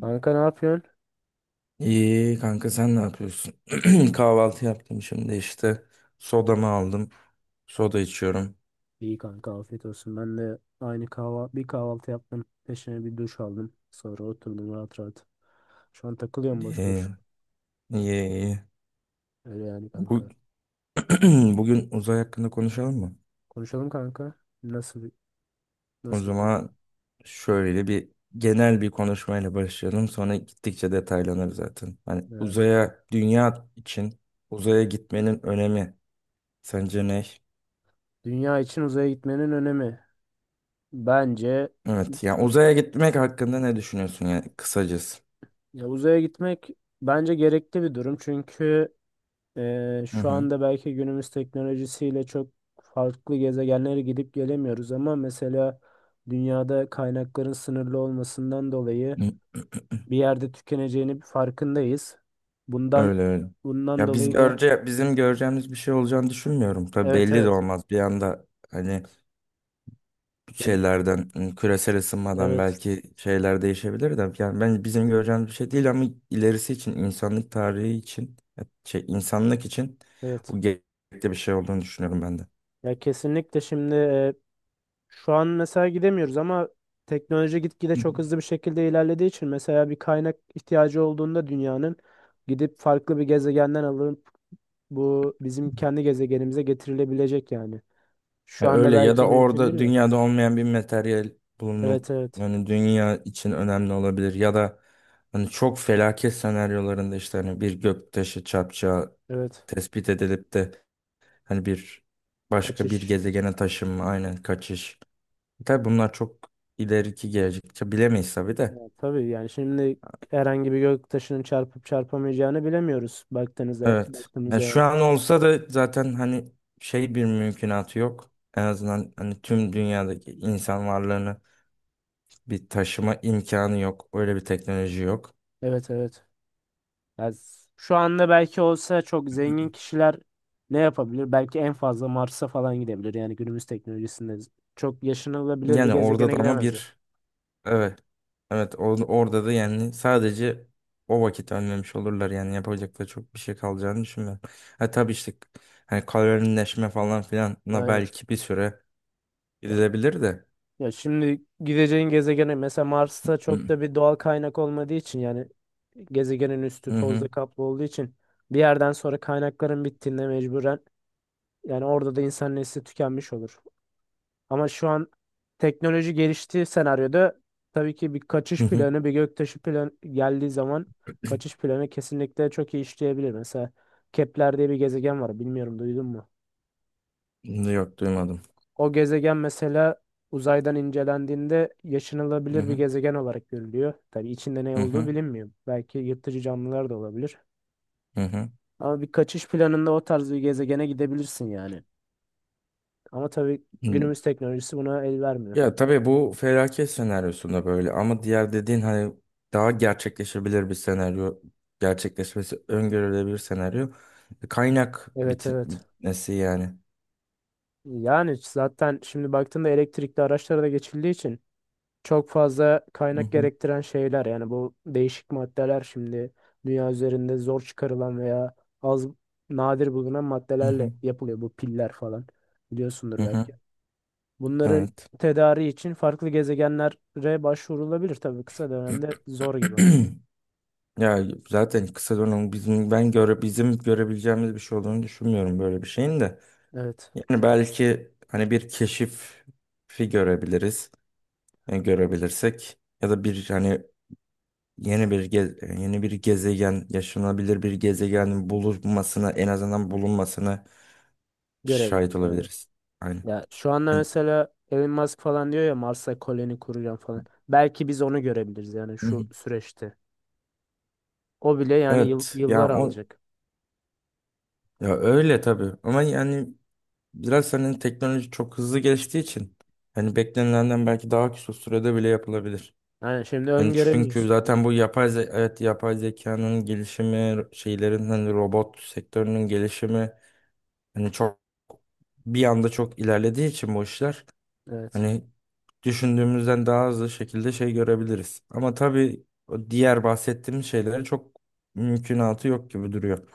Kanka ne yapıyorsun? İyi kanka sen ne yapıyorsun? Kahvaltı yaptım şimdi işte. Sodamı aldım. Soda içiyorum. İyi kanka afiyet olsun. Ben de aynı kahva bir kahvaltı yaptım. Peşine bir duş aldım. Sonra oturdum rahat rahat. Şu an takılıyorum boş İyi boş. iyi iyi. Öyle yani Bu, kanka. bugün uzay hakkında konuşalım mı? Konuşalım kanka. Nasıl bir- O nasıl bir konu? zaman şöyle bir genel bir konuşmayla başlayalım. Sonra gittikçe detaylanır zaten. Hani Yani uzaya dünya için uzaya gitmenin önemi sence ne? dünya için uzaya gitmenin önemi. Bence Evet yani uzaya gitmek hakkında ne düşünüyorsun yani kısacası? ya uzaya gitmek bence gerekli bir durum. Çünkü Hı şu hı. anda belki günümüz teknolojisiyle çok farklı gezegenlere gidip gelemiyoruz ama mesela dünyada kaynakların sınırlı olmasından dolayı bir yerde tükeneceğini bir farkındayız. Bundan Öyle öyle. bundan Ya biz dolayı da bizim göreceğimiz bir şey olacağını düşünmüyorum. Tabii evet, belli de evet. olmaz. Bir anda hani Ya, şeylerden küresel ısınmadan evet, belki şeyler değişebilir de. Yani ben bizim göreceğimiz bir şey değil ama ilerisi için, insanlık tarihi için, insanlık için evet. bu gerekli bir şey olduğunu düşünüyorum ben Ya kesinlikle şimdi şu an mesela gidemiyoruz ama teknoloji gitgide de. çok hızlı bir şekilde ilerlediği için mesela bir kaynak ihtiyacı olduğunda dünyanın gidip farklı bir gezegenden alınıp bu bizim kendi gezegenimize getirilebilecek yani. Ya Şu anda öyle, ya belki da mümkün değil orada de. dünyada olmayan bir materyal bulunup Evet, evet. hani dünya için önemli olabilir, ya da hani çok felaket senaryolarında işte hani bir göktaşı çarpacağı Evet. tespit edilip de hani başka bir Kaçış. gezegene taşınma, aynen kaçış. Tabii bunlar çok ileriki gelecekçe bilemeyiz tabii Ya de. tabii yani şimdi herhangi bir göktaşının çarpıp çarpamayacağını bilemiyoruz baktığınızda Evet. Ya baktığımızda yani. şu an olsa da zaten hani bir mümkünatı yok. En azından hani tüm dünyadaki insan varlığını bir taşıma imkanı yok. Öyle bir teknoloji yok. Evet, evet. Şu anda belki olsa çok zengin kişiler ne yapabilir? Belki en fazla Mars'a falan gidebilir. Yani günümüz teknolojisinde çok yaşanılabilir bir Yani orada gezegene da ama gidemezdi. bir evet evet orada da yani sadece o vakit önlemiş olurlar. Yani yapacak da çok bir şey kalacağını düşünmüyorum. Ha tabii işte hani kalorileşme falan filanla Aynen. belki bir süre Ya, gidilebilir de. ya şimdi gideceğin gezegene mesela Mars'ta Hı çok hı. da bir doğal kaynak olmadığı için yani gezegenin üstü Hı tozla hı. kaplı olduğu için bir yerden sonra kaynakların bittiğinde mecburen yani orada da insan nesli tükenmiş olur. Ama şu an teknoloji geliştiği senaryoda tabii ki bir Hı kaçış hı. planı, bir göktaşı planı geldiği zaman kaçış planı kesinlikle çok iyi işleyebilir. Mesela Kepler diye bir gezegen var. Bilmiyorum duydun mu? Yok duymadım. O gezegen mesela uzaydan incelendiğinde Hı yaşanılabilir bir hı. gezegen olarak görülüyor. Tabii içinde ne Hı olduğu hı. bilinmiyor. Belki yırtıcı canlılar da olabilir. Hı Ama bir kaçış planında o tarz bir gezegene gidebilirsin yani. Ama tabii hı. günümüz teknolojisi buna el vermiyor. Ya tabii bu felaket senaryosunda böyle, ama diğer dediğin hani daha gerçekleşebilir bir senaryo, gerçekleşmesi öngörülebilir senaryo. Evet, evet. Bitmesi yani. Yani zaten şimdi baktığında elektrikli araçlara da geçildiği için çok fazla Hı kaynak hı, gerektiren şeyler yani bu değişik maddeler şimdi dünya üzerinde zor çıkarılan veya az nadir bulunan hı maddelerle hı, yapılıyor bu piller falan hı biliyorsundur hı. belki. Bunların Evet. tedariği için farklı gezegenlere başvurulabilir tabii kısa dönemde zor gibi ama. Ya zaten kısa dönem bizim görebileceğimiz bir şey olduğunu düşünmüyorum böyle bir şeyin de. Evet, Yani belki hani bir keşifi görebiliriz, yani görebilirsek, ya da bir hani yeni bir gezegen, yaşanabilir bir gezegenin bulunmasına, en azından bulunmasına şahit görebiliriz. olabiliriz. Aynen. Ya şu anda Yani- mesela Elon Musk falan diyor ya Mars'a koloni kuracağım falan. Belki biz onu görebiliriz yani Hı şu hı. süreçte. O bile yani Evet. Ya yıllar o alacak. ya öyle tabii. Ama yani biraz hani teknoloji çok hızlı geliştiği için hani beklenilenden belki daha kısa sürede bile yapılabilir. Yani şimdi Hani çünkü öngöremiyorsun. Aynen. zaten bu evet yapay zekanın gelişimi, şeylerin hani robot sektörünün gelişimi hani bir anda çok ilerlediği için bu işler. Evet. Hani düşündüğümüzden daha hızlı şekilde şey görebiliriz. Ama tabii o diğer bahsettiğim şeylere çok mümkünatı yok gibi duruyor.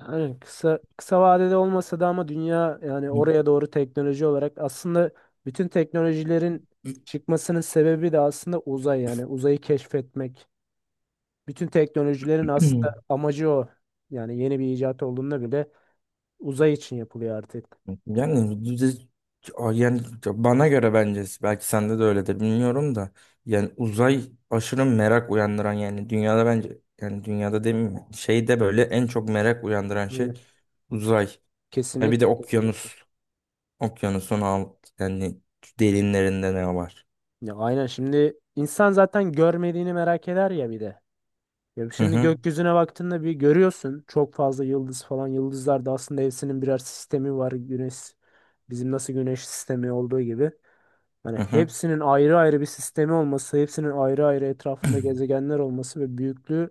Yani kısa kısa vadede olmasa da ama dünya yani oraya doğru teknoloji olarak aslında bütün teknolojilerin çıkmasının sebebi de aslında uzay yani uzayı keşfetmek. Bütün teknolojilerin aslında amacı o. Yani yeni bir icat olduğunda bile uzay için yapılıyor artık. Yani düz- yani bana göre, bence, belki sende de öyledir bilmiyorum da, yani uzay aşırı merak uyandıran, yani dünyada bence, yani dünyada demeyeyim, şeyde böyle en çok merak uyandıran şey uzay. Ve bir de Kesinlikle, kesinlikle. okyanus. Okyanusun alt yani derinlerinde ne var? Ya aynen şimdi insan zaten görmediğini merak eder ya bir de. Ya Hı şimdi hı. gökyüzüne baktığında bir görüyorsun çok fazla yıldız falan. Yıldızlar da aslında hepsinin birer sistemi var. Güneş bizim nasıl güneş sistemi olduğu gibi. Yani Hı hı. hepsinin ayrı ayrı bir sistemi olması, hepsinin ayrı ayrı etrafında gezegenler olması ve büyüklüğü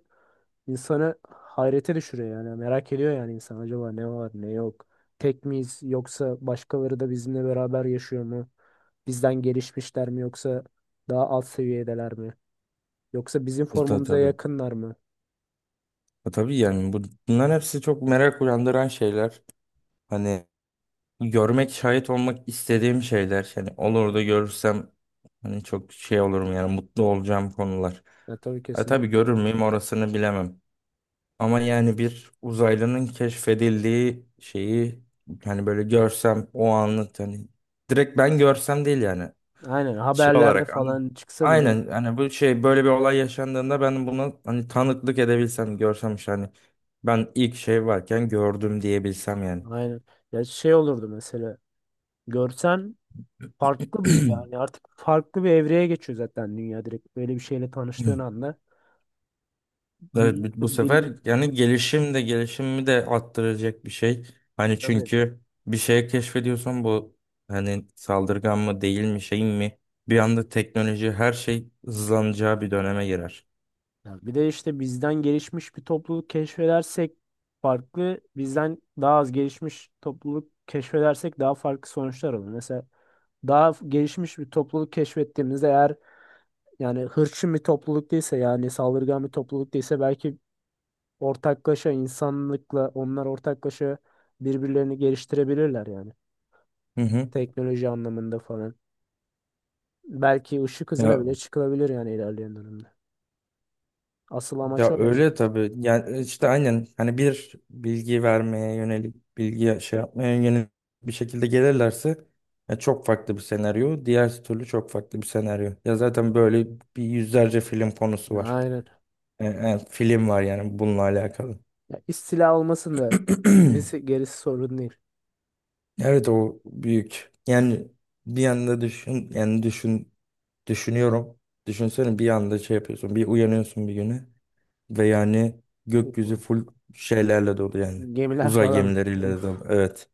insanı hayrete düşürüyor yani. Merak ediyor yani insan acaba ne var ne yok. Tek miyiz yoksa başkaları da bizimle beraber yaşıyor mu? Bizden gelişmişler mi yoksa daha alt seviyedeler mi? Yoksa bizim formumuza Tabii. yakınlar mı? Tabii yani bunların hepsi çok merak uyandıran şeyler. Hani görmek, şahit olmak istediğim şeyler. Yani olur da görürsem hani çok şey olurum yani, mutlu olacağım konular. Ya tabii Tabii kesinlikle. görür müyüm orasını bilemem. Ama yani bir uzaylının keşfedildiği şeyi hani böyle görsem o anlık hani direkt ben görsem değil yani. Aynen Şey haberlerde olarak anı- falan çıksa bile aynen hani bu şey böyle bir olay yaşandığında ben buna hani tanıklık edebilsem, görsem işte hani ben ilk şey varken gördüm diyebilsem yani. aynen. Ya şey olurdu mesela görsen farklı bir yani artık farklı bir evreye geçiyor zaten dünya direkt. Böyle bir şeyle tanıştığın anda Evet, dünya bu sefer bildiğin ne yani çıkıyor gelişim de gelişimimi de arttıracak bir şey. Hani tabii. çünkü bir şey keşfediyorsan bu hani saldırgan mı değil mi şey mi, bir anda teknoloji her şey hızlanacağı bir döneme girer. Ya bir de işte bizden gelişmiş bir topluluk keşfedersek farklı, bizden daha az gelişmiş topluluk keşfedersek daha farklı sonuçlar olur. Mesela gelişmiş bir topluluk keşfettiğimizde eğer yani hırçın bir topluluk değilse yani saldırgan bir topluluk değilse belki ortaklaşa insanlıkla onlar ortaklaşa birbirlerini geliştirebilirler yani. Hı hı. Teknoloji anlamında falan. Belki ışık hızına Ya bile çıkılabilir yani ilerleyen dönemde. Asıl amaç Ya o ya öyle sonuçta. tabii. Yani işte aynen hani bir bilgi vermeye yönelik, bilgi şey yapmaya yönelik bir şekilde gelirlerse ya çok farklı bir senaryo. Diğer türlü çok farklı bir senaryo. Ya zaten böyle bir yüzlerce film konusu Ya var. aynen. Film var yani bununla alakalı. Ya istila olmasın da gerisi sorun değil. Evet o büyük. Yani bir yanda düşün, yani düşünüyorum. Düşünsene bir anda şey yapıyorsun. Bir uyanıyorsun bir güne. Ve yani gökyüzü full şeylerle dolu yani. Gemiler Uzay falan. gemileriyle de dolu. Uf. Evet.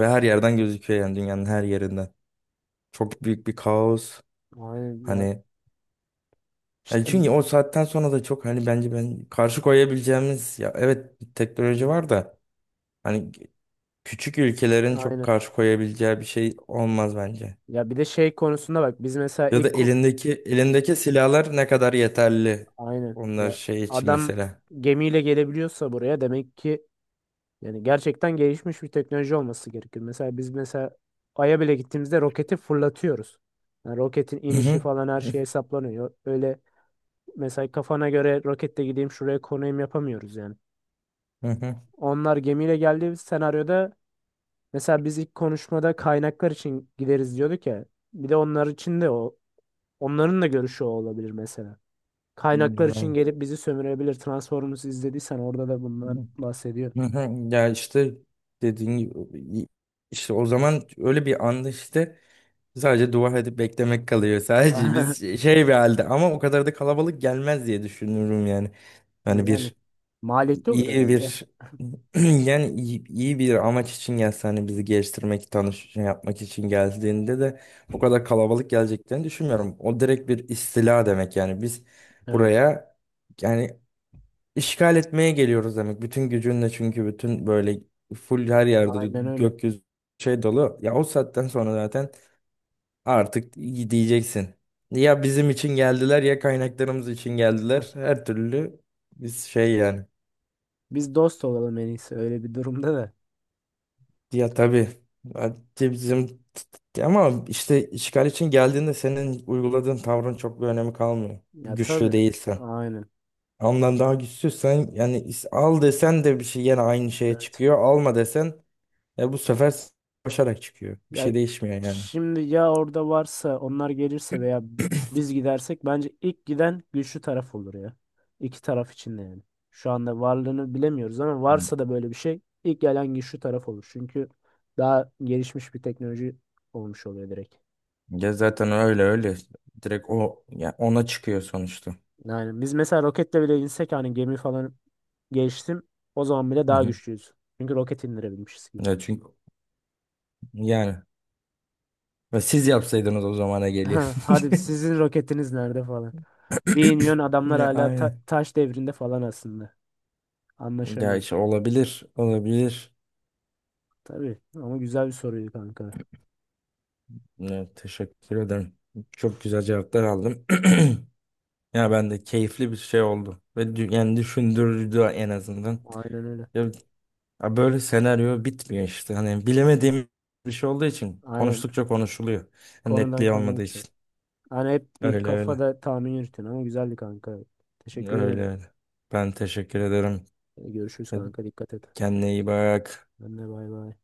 Ve her yerden gözüküyor yani, dünyanın her yerinden. Çok büyük bir kaos. Aynen ya. Hani yani İşte çünkü o saatten sonra da çok hani bence ben karşı koyabileceğimiz ya evet bir teknoloji var da hani küçük ülkelerin çok aynen. karşı koyabileceği bir şey olmaz bence. Ya bir de şey konusunda bak biz mesela Ya da elindeki silahlar ne kadar yeterli aynen onlar ya şey için adam mesela. gemiyle gelebiliyorsa buraya demek ki yani gerçekten gelişmiş bir teknoloji olması gerekir. Mesela biz Ay'a bile gittiğimizde roketi fırlatıyoruz. Yani roketin Hı inişi hı. falan her şey hesaplanıyor. Öyle mesela kafana göre roketle gideyim şuraya konayım yapamıyoruz yani. Hı hı. Onlar gemiyle geldiği senaryoda mesela biz ilk konuşmada kaynaklar için gideriz diyorduk ya. Bir de onlar için de o onların da görüşü o olabilir mesela. Kaynaklar için Yani. gelip bizi sömürebilir. Transformers izlediysen orada da bundan bahsediyor. Hı hı. Ya işte dediğin gibi işte o zaman öyle bir anda işte sadece dua edip beklemek kalıyor. Sadece biz şey bir halde, ama o kadar da kalabalık gelmez diye düşünüyorum yani. Hani Yani bir maliyetli olur iyi herhalde. bir yani iyi bir amaç için gelse, hani bizi geliştirmek, tanış şey yapmak için geldiğinde de o kadar kalabalık geleceklerini düşünmüyorum. O direkt bir istila demek, yani biz Evet. buraya yani İşgal etmeye geliyoruz demek. Bütün gücünle, çünkü bütün böyle full her yerde Aynen öyle. gökyüzü şey dolu. Ya o saatten sonra zaten artık diyeceksin. Ya bizim için geldiler ya kaynaklarımız için geldiler. Her türlü biz şey yani. Biz dost olalım en iyisi öyle bir durumda da. Ya tabii. Hadi bizim ama işte işgal için geldiğinde senin uyguladığın tavrın çok bir önemi kalmıyor. Ya Güçlü tabii. değilsen. Aynen. Ondan daha güçsüzsen yani al desen de bir şey, yine aynı şeye Evet. çıkıyor. Alma desen, e bu sefer koşarak çıkıyor. Bir Ya şey değişmiyor yani. şimdi ya orada varsa onlar gelirse veya biz gidersek bence ilk giden güçlü taraf olur ya. İki taraf için de yani. Şu anda varlığını bilemiyoruz ama Hı. varsa da böyle bir şey ilk gelen güçlü taraf olur. Çünkü daha gelişmiş bir teknoloji olmuş oluyor direkt. Ya zaten öyle öyle. Direkt o ya, ona çıkıyor sonuçta. Yani biz mesela roketle bile insek hani gemi falan geliştim o zaman bile Hı daha hı. güçlüyüz. Çünkü roket indirebilmişiz gibi. Ya çünkü yani ve siz yapsaydınız o zamana geliyor. Ha, hadi sizin roketiniz nerede falan. Bir iniyorsun adamlar Ya hala aynen. taş devrinde falan aslında. Ya Anlaşamıyorum. işte olabilir, olabilir. Tabii ama güzel bir soruydu kanka. Ya, teşekkür ederim. Çok güzel cevaplar aldım. Ya ben de keyifli bir şey oldu ve yani düşündürdü en azından. Aynen öyle. Ya Ya böyle senaryo bitmiyor işte. Hani bilemediğim bir şey olduğu için Aynen. konuştukça konuşuluyor. Yani Konudan netliği konuya olmadığı uçuyor. için. Hani hep bir Öyle öyle. kafada tahmin yürütün ama güzeldi kanka. Teşekkür Öyle ederim. öyle. Ben teşekkür ederim. Görüşürüz Hadi, kanka. Dikkat et. kendine iyi bak. Ben de bay bay.